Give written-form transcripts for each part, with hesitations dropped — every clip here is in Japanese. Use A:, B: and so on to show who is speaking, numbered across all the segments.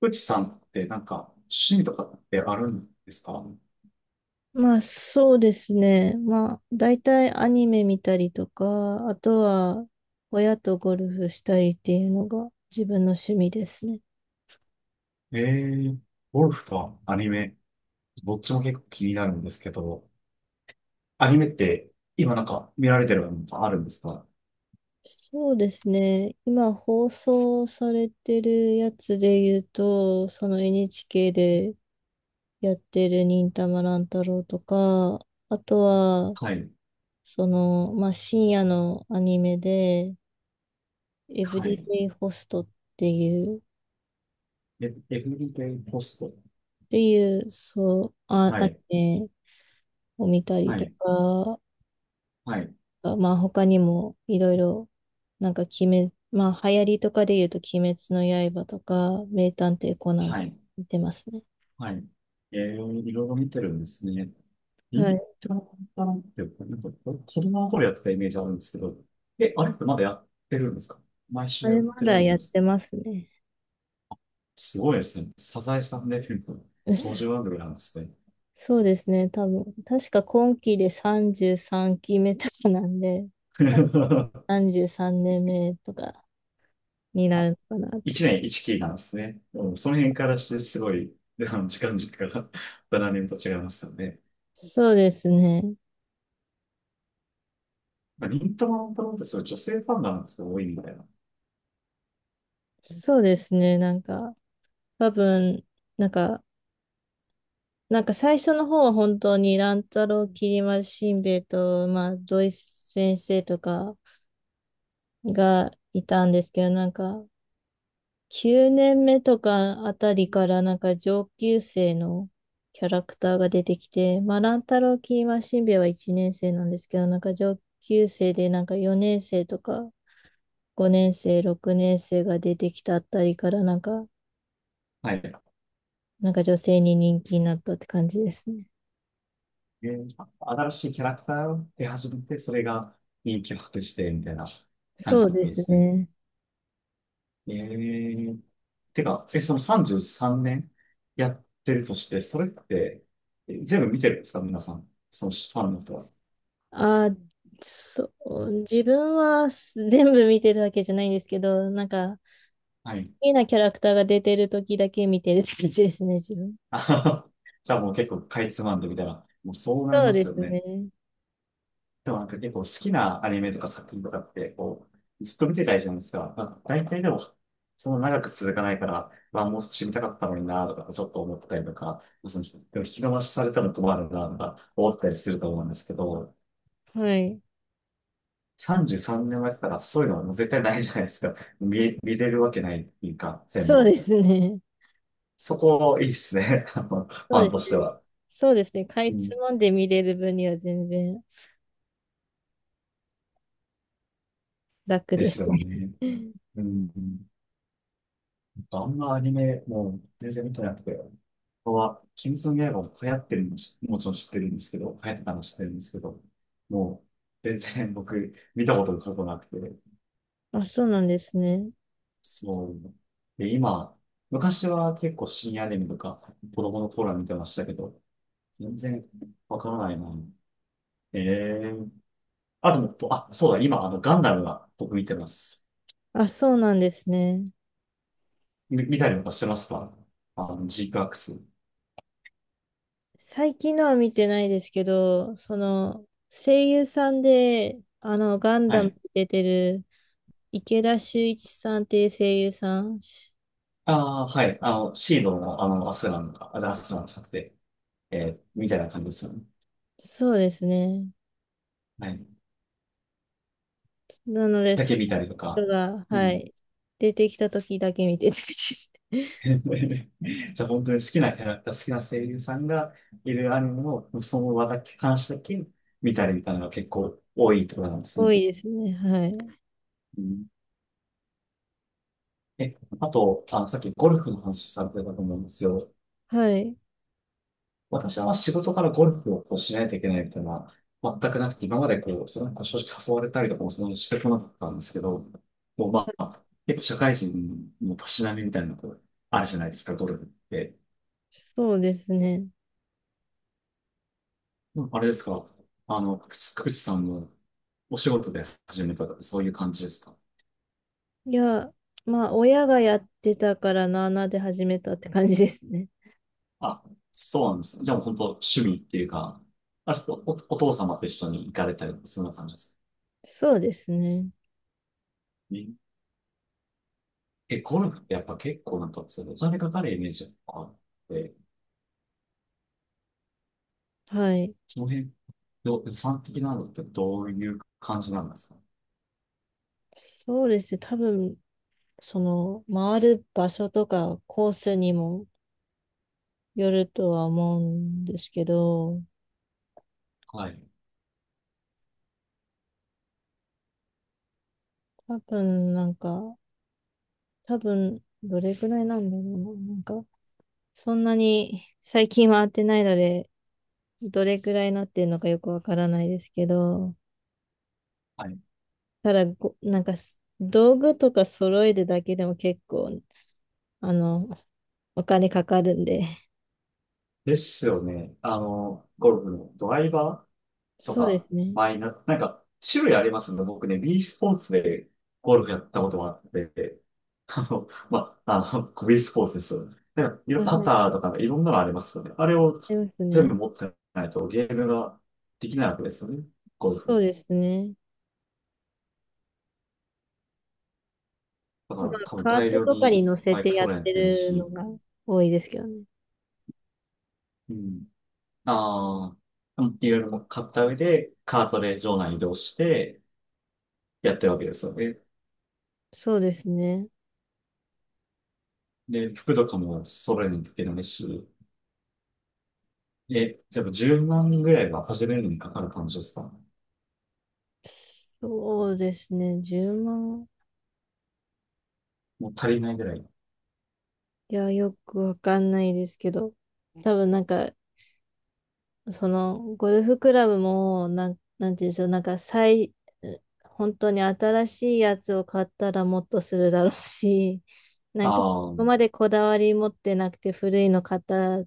A: 富士さんってなんか趣味とかってあるんですか？
B: まあそうですね。まあ大体アニメ見たりとか、あとは親とゴルフしたりっていうのが自分の趣味ですね。
A: ええー、ゴルフとアニメ、どっちも結構気になるんですけど、アニメって今なんか見られてるのがあるんですか？
B: そうですね。今放送されてるやつで言うと、その NHK でやってる忍たま乱太郎とか、あとは
A: はい。
B: その、まあ深夜のアニメで、エブ
A: は
B: リ
A: い。
B: デイホストっていう、っ
A: え、エブリデイポスト。
B: ていう、そう、あ、
A: は
B: アニ
A: い。
B: メを見たり
A: は
B: と
A: い。
B: か、
A: はい。
B: まあ他にもいろいろ、なんか鬼滅、まあ流行りとかで言うと鬼滅の刃とか、名探偵コナンと
A: は
B: か
A: い。
B: 見てますね。
A: はい。えー、いろいろ見てるんですね。イ
B: は
A: ン
B: い。
A: トロパンって、子供の頃やってたイメージあるんですけど、え、あれってまだやってるんですか？毎
B: あ
A: 週や
B: れ
A: っ
B: ま
A: てる
B: だ
A: もん
B: やっ
A: です
B: て
A: か？
B: ますね。
A: すごいですね。サザエさんデビューの
B: う
A: 登
B: ん、
A: 場番組なんですね。
B: そうですね、多分。確か今期で33期目とかなんで、33年目とかにな
A: あ、
B: るのかなって。
A: 1年1期なんですね。うん、その辺からしてすごい、あの時間軸が 7年と 違いますよね。
B: そうですね。
A: まあ、忍たま乱太郎ってそういう女性ファンがなんですよ、多いみたいな。
B: そうですね、なんか、多分、なんか、なんか最初の方は本当に乱太郎、きり丸しんべヱと、まあ、土井先生とかがいたんですけど、なんか9年目とかあたりからなんか上級生のキャラクターが出てきて、まあ、乱太郎、きり丸しんべヱは1年生なんですけど、なんか上級生でなんか4年生とか5年生、6年生が出てきたあたりからなんか、
A: はい。
B: なんか女性に人気になったって感じですね。
A: で、新しいキャラクターを出始めて、それが人気を博して、みたいな感
B: そ
A: じ
B: う
A: だった
B: で
A: で
B: す
A: すね。
B: ね。
A: ええ、てか、え、その33年やってるとして、それって、え、全部見てるんですか皆さん。そのファンの人は。
B: あ、そう、自分は全部見てるわけじゃないんですけど、なんか、好
A: はい。
B: きなキャラクターが出てる時だけ見てるって感じですね、自分。
A: あはは じゃあもう結構かいつまんでみたいな。もうそうなり
B: そ
A: ま
B: うで
A: すよ
B: す
A: ね。
B: ね。
A: でも結構好きなアニメとか作品とかって、こう、ずっと見てたいじゃないですか。まあ、大体でも、その長く続かないから、まあもう少し見たかったのになとか、ちょっと思ったりとか、その、でも引き伸ばしされたら困るなとか思ったりすると思うんですけど、
B: はい。
A: 33年前からそういうのはもう絶対ないじゃないですか。見れるわけないっていうか、全
B: そうで
A: 部。
B: すね。
A: そこ、いいですね。あのフ
B: そう
A: ァ
B: で
A: ン
B: す
A: とし
B: ね。
A: ては。
B: そうですね。か
A: う
B: いつ
A: ん、
B: まんで見れる分には全然楽
A: で
B: です
A: すよね。
B: ね。
A: うん。あんまアニメ、もう全然見てなくて。ここは、鬼滅の刃も流行ってるのし、もちろん知ってるんですけど、流行ってたの知ってるんですけど、もう、全然僕、見たことが過去なくて、
B: あ、そうなんですね。
A: そう。で、今、昔は結構深夜アニメとか、子供の頃は見てましたけど、全然わからないな。ええー、あ、でも、あ、そうだ、今、あの、ガンダムが僕見てます。
B: あ、そうなんですね。
A: 見たりとかしてますか？あの、ジークアクス。
B: 最近のは見てないですけど、その、声優さんで、あの、ガン
A: は
B: ダム
A: い。
B: に出てる池田秀一さんっていう声優さん。
A: ああ、はい。あの、シードの、あの、アスランがあ、じゃあアスランじゃなくて、えー、みたいな感じですよね。
B: そうですね。
A: はい。
B: なので、
A: だ
B: そ
A: け
B: の
A: 見たりとか。
B: 人が、
A: う
B: は
A: ん。
B: い、出てきた時だけ見てて、
A: じゃあ、本当に好きなキャラクター、好きな声優さんがいるアニメの、その話だけ見たりみたいなのが結構多いってことなんです
B: 多
A: ね。
B: いですね。はい。
A: うん、え、あと、あの、さっきゴルフの話されてたと思うんですよ。
B: はい。
A: 私は仕事からゴルフをこうしないといけないみたいな、全くなくて、今までこう、それ正直誘われたりとかもそんなにしてこなかったんですけど、もうまあ、結構社会人のたしなみみたいなのこう、あるじゃないですか、ゴルフって。
B: そうですね。
A: うん、あれですか、あの、くつくつさんのお仕事で始めたとか、そういう感じですか？
B: いや、まあ、親がやってたからなあなあで始めたって感じですね。
A: あ、そうなんです。じゃあもう本当趣味っていうか、あれですか、お、お父様と一緒に行かれたりとか、そんな感じですか？
B: そうですね。
A: え、ゴルフってやっぱ結構なんか、そのお金かかるイメージがあって、
B: はい。
A: その辺、ど予算的なのってどういう感じなんですか？
B: そうですね。多分、その、回る場所とかコースにもよるとは思うんですけど、
A: はい。
B: 多分なんか、多分、どれくらいなんだろうな。なんか、そんなに最近は会ってないので、どれくらいなってるのかよくわからないですけど、
A: はい。
B: ただなんか道具とか揃えるだけでも結構、あの、お金かかるんで、
A: ですよね。あの、ゴルフのドライバーと
B: そうで
A: か、
B: すね。
A: マイナー、なんか、種類ありますんで、僕ね、B スポーツでゴルフやったことがあって、あの、まあ、あの、B スポーツですよね。なんか、い
B: あ、
A: ろパ
B: は
A: タ
B: い、
A: ーとか、いろんなのありますよね。あれを
B: あります
A: 全
B: ね。
A: 部持ってないとゲームができないわけですよね。ゴル
B: そう
A: フ。
B: ですね。
A: だか
B: まあ、
A: ら多分
B: カー
A: 大
B: ト
A: 量
B: とか
A: に
B: に乗せ
A: バイ
B: て
A: ク
B: やっ
A: 揃えないと
B: て
A: いけない
B: るの
A: し、
B: が多いですけどね。
A: うん。ああ、でもいろいろ買った上で、カートで場内移動してやってるわけですよね。
B: そうですね。
A: で、服とかも揃えないといけないし、え、じゃあ10万ぐらいは始めるのにかかる感じですか？
B: そうですね。10万、
A: もう足りないぐらい。
B: いや、よくわかんないですけど、多分なんか、その、ゴルフクラブも、なんていうんでしょう、なんか、本当に新しいやつを買ったらもっとするだろうし、な
A: あ
B: んか、
A: あ、
B: そ
A: う
B: こまでこだわり持ってなくて、古いの買ったら、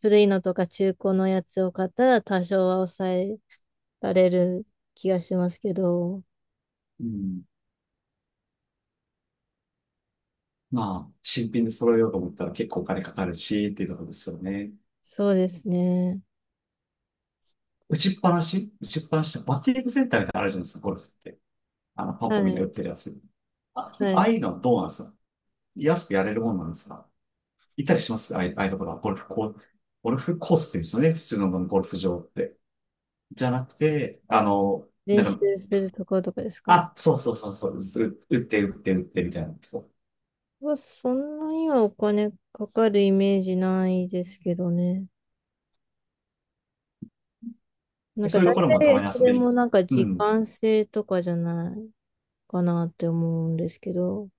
B: 古いのとか中古のやつを買ったら、多少は抑えられる気がしますけど、
A: ん。まあ、新品で揃えようと思ったら結構お金かかるし、っていうところですよね。
B: そうですね。
A: 打ちっぱなしってバッティングセンターみたいなのあるじゃないですか、ゴルフって。あの、パン
B: は
A: ポンみんな売
B: い、
A: ってるやつ。あ、
B: は
A: ああ
B: い。
A: いうのはどうなんですか？安くやれるもんなんですか？いたりしますああいうところは、ゴルフコースって言うんですよね。普通のゴルフ場って。じゃなくて、あの、
B: 練
A: な
B: 習
A: んか、
B: するところとかですか？
A: あ、そうそうそう、打ってみたいな。そう
B: はそんなにはお金かかるイメージないですけどね。な
A: で
B: んか
A: そういう
B: 大
A: ところもた
B: 体
A: まに
B: そ
A: 遊
B: れ
A: びに。
B: もなんか
A: う
B: 時
A: ん。
B: 間制とかじゃないかなって思うんですけど。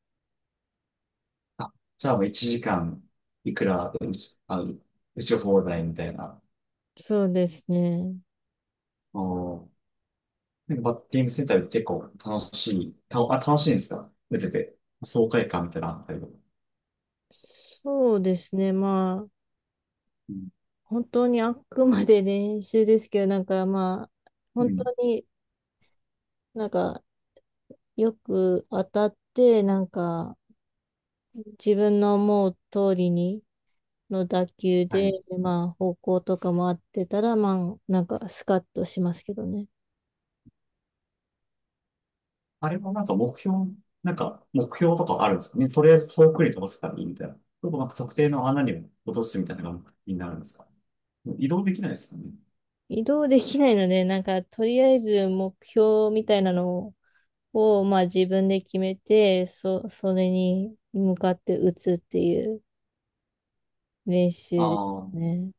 A: あ、じゃあもう1時間いくら打ち、あの、打ち放題みたいな。
B: そうですね。
A: おー、なんかバッティングセンターで結構楽しい、楽しいんですか打てて。爽快感みたいなのあったりとか。
B: そうですね。まあ、
A: うん。
B: 本当にあくまで練習ですけど、なんかまあ、
A: う
B: 本当
A: ん。
B: になんかよく当たって、なんか自分の思う通りにの打球
A: は
B: で、
A: い。
B: まあ、方向とかも合ってたら、まあ、なんかスカッとしますけどね。
A: あれもなんかなんか目標とかあるんですかね。とりあえず遠くに飛ばせたらいいみたいな。ちょっとなんか特定の穴に落とすみたいなのが目的になるんですか。もう移動できないですかね。
B: 移動できないので、なんか、とりあえず目標みたいなのを、まあ、自分で決めて、それに向かって打つっていう練
A: あ
B: 習です
A: あ、
B: ね。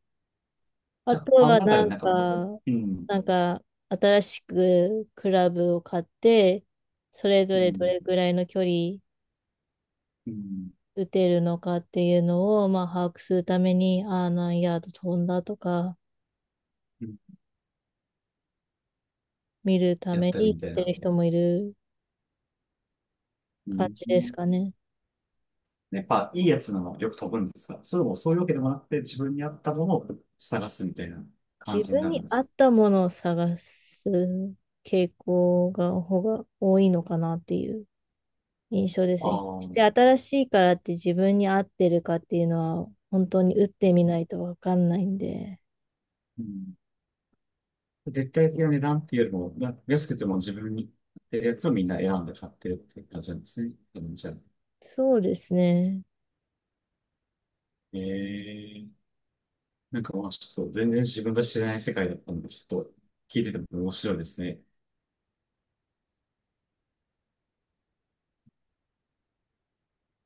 A: じ
B: あ
A: ゃあ、
B: とは、
A: あの中
B: な
A: に
B: ん
A: なんか、
B: か、
A: うん、
B: なんか、新しくクラブを買って、それぞ
A: う
B: れど
A: ん、
B: れぐらいの距離
A: うん、
B: 打てるのかっていうのを、まあ、把握するために、ああ、何ヤード飛んだとか、
A: うん、
B: 見るた
A: やっ
B: め
A: たり
B: に
A: みたい
B: 打って
A: な。
B: る人もいる
A: う
B: 感
A: ん、
B: じですかね。
A: やっぱいいやつなのよく飛ぶんですが、それもそういうわけでもなくて自分に合ったものを探すみたいな感
B: 自
A: じに
B: 分
A: なるん
B: に
A: で
B: 合
A: す。
B: ったものを探す傾向が、方が多いのかなっていう印象で
A: あ
B: すね。
A: あ、
B: し
A: う
B: て新しいからって自分に合ってるかっていうのは、本当に打ってみないとわかんないんで、
A: ん、絶対的な値段っていうよりも、な安くても自分に合ってるやつをみんな選んで買ってるっていう感じなんですね。うん、じゃあ、
B: そうですね。
A: えー、なんかまあちょっと全然自分が知らない世界だったんで、ちょっと聞いてても面白いですね。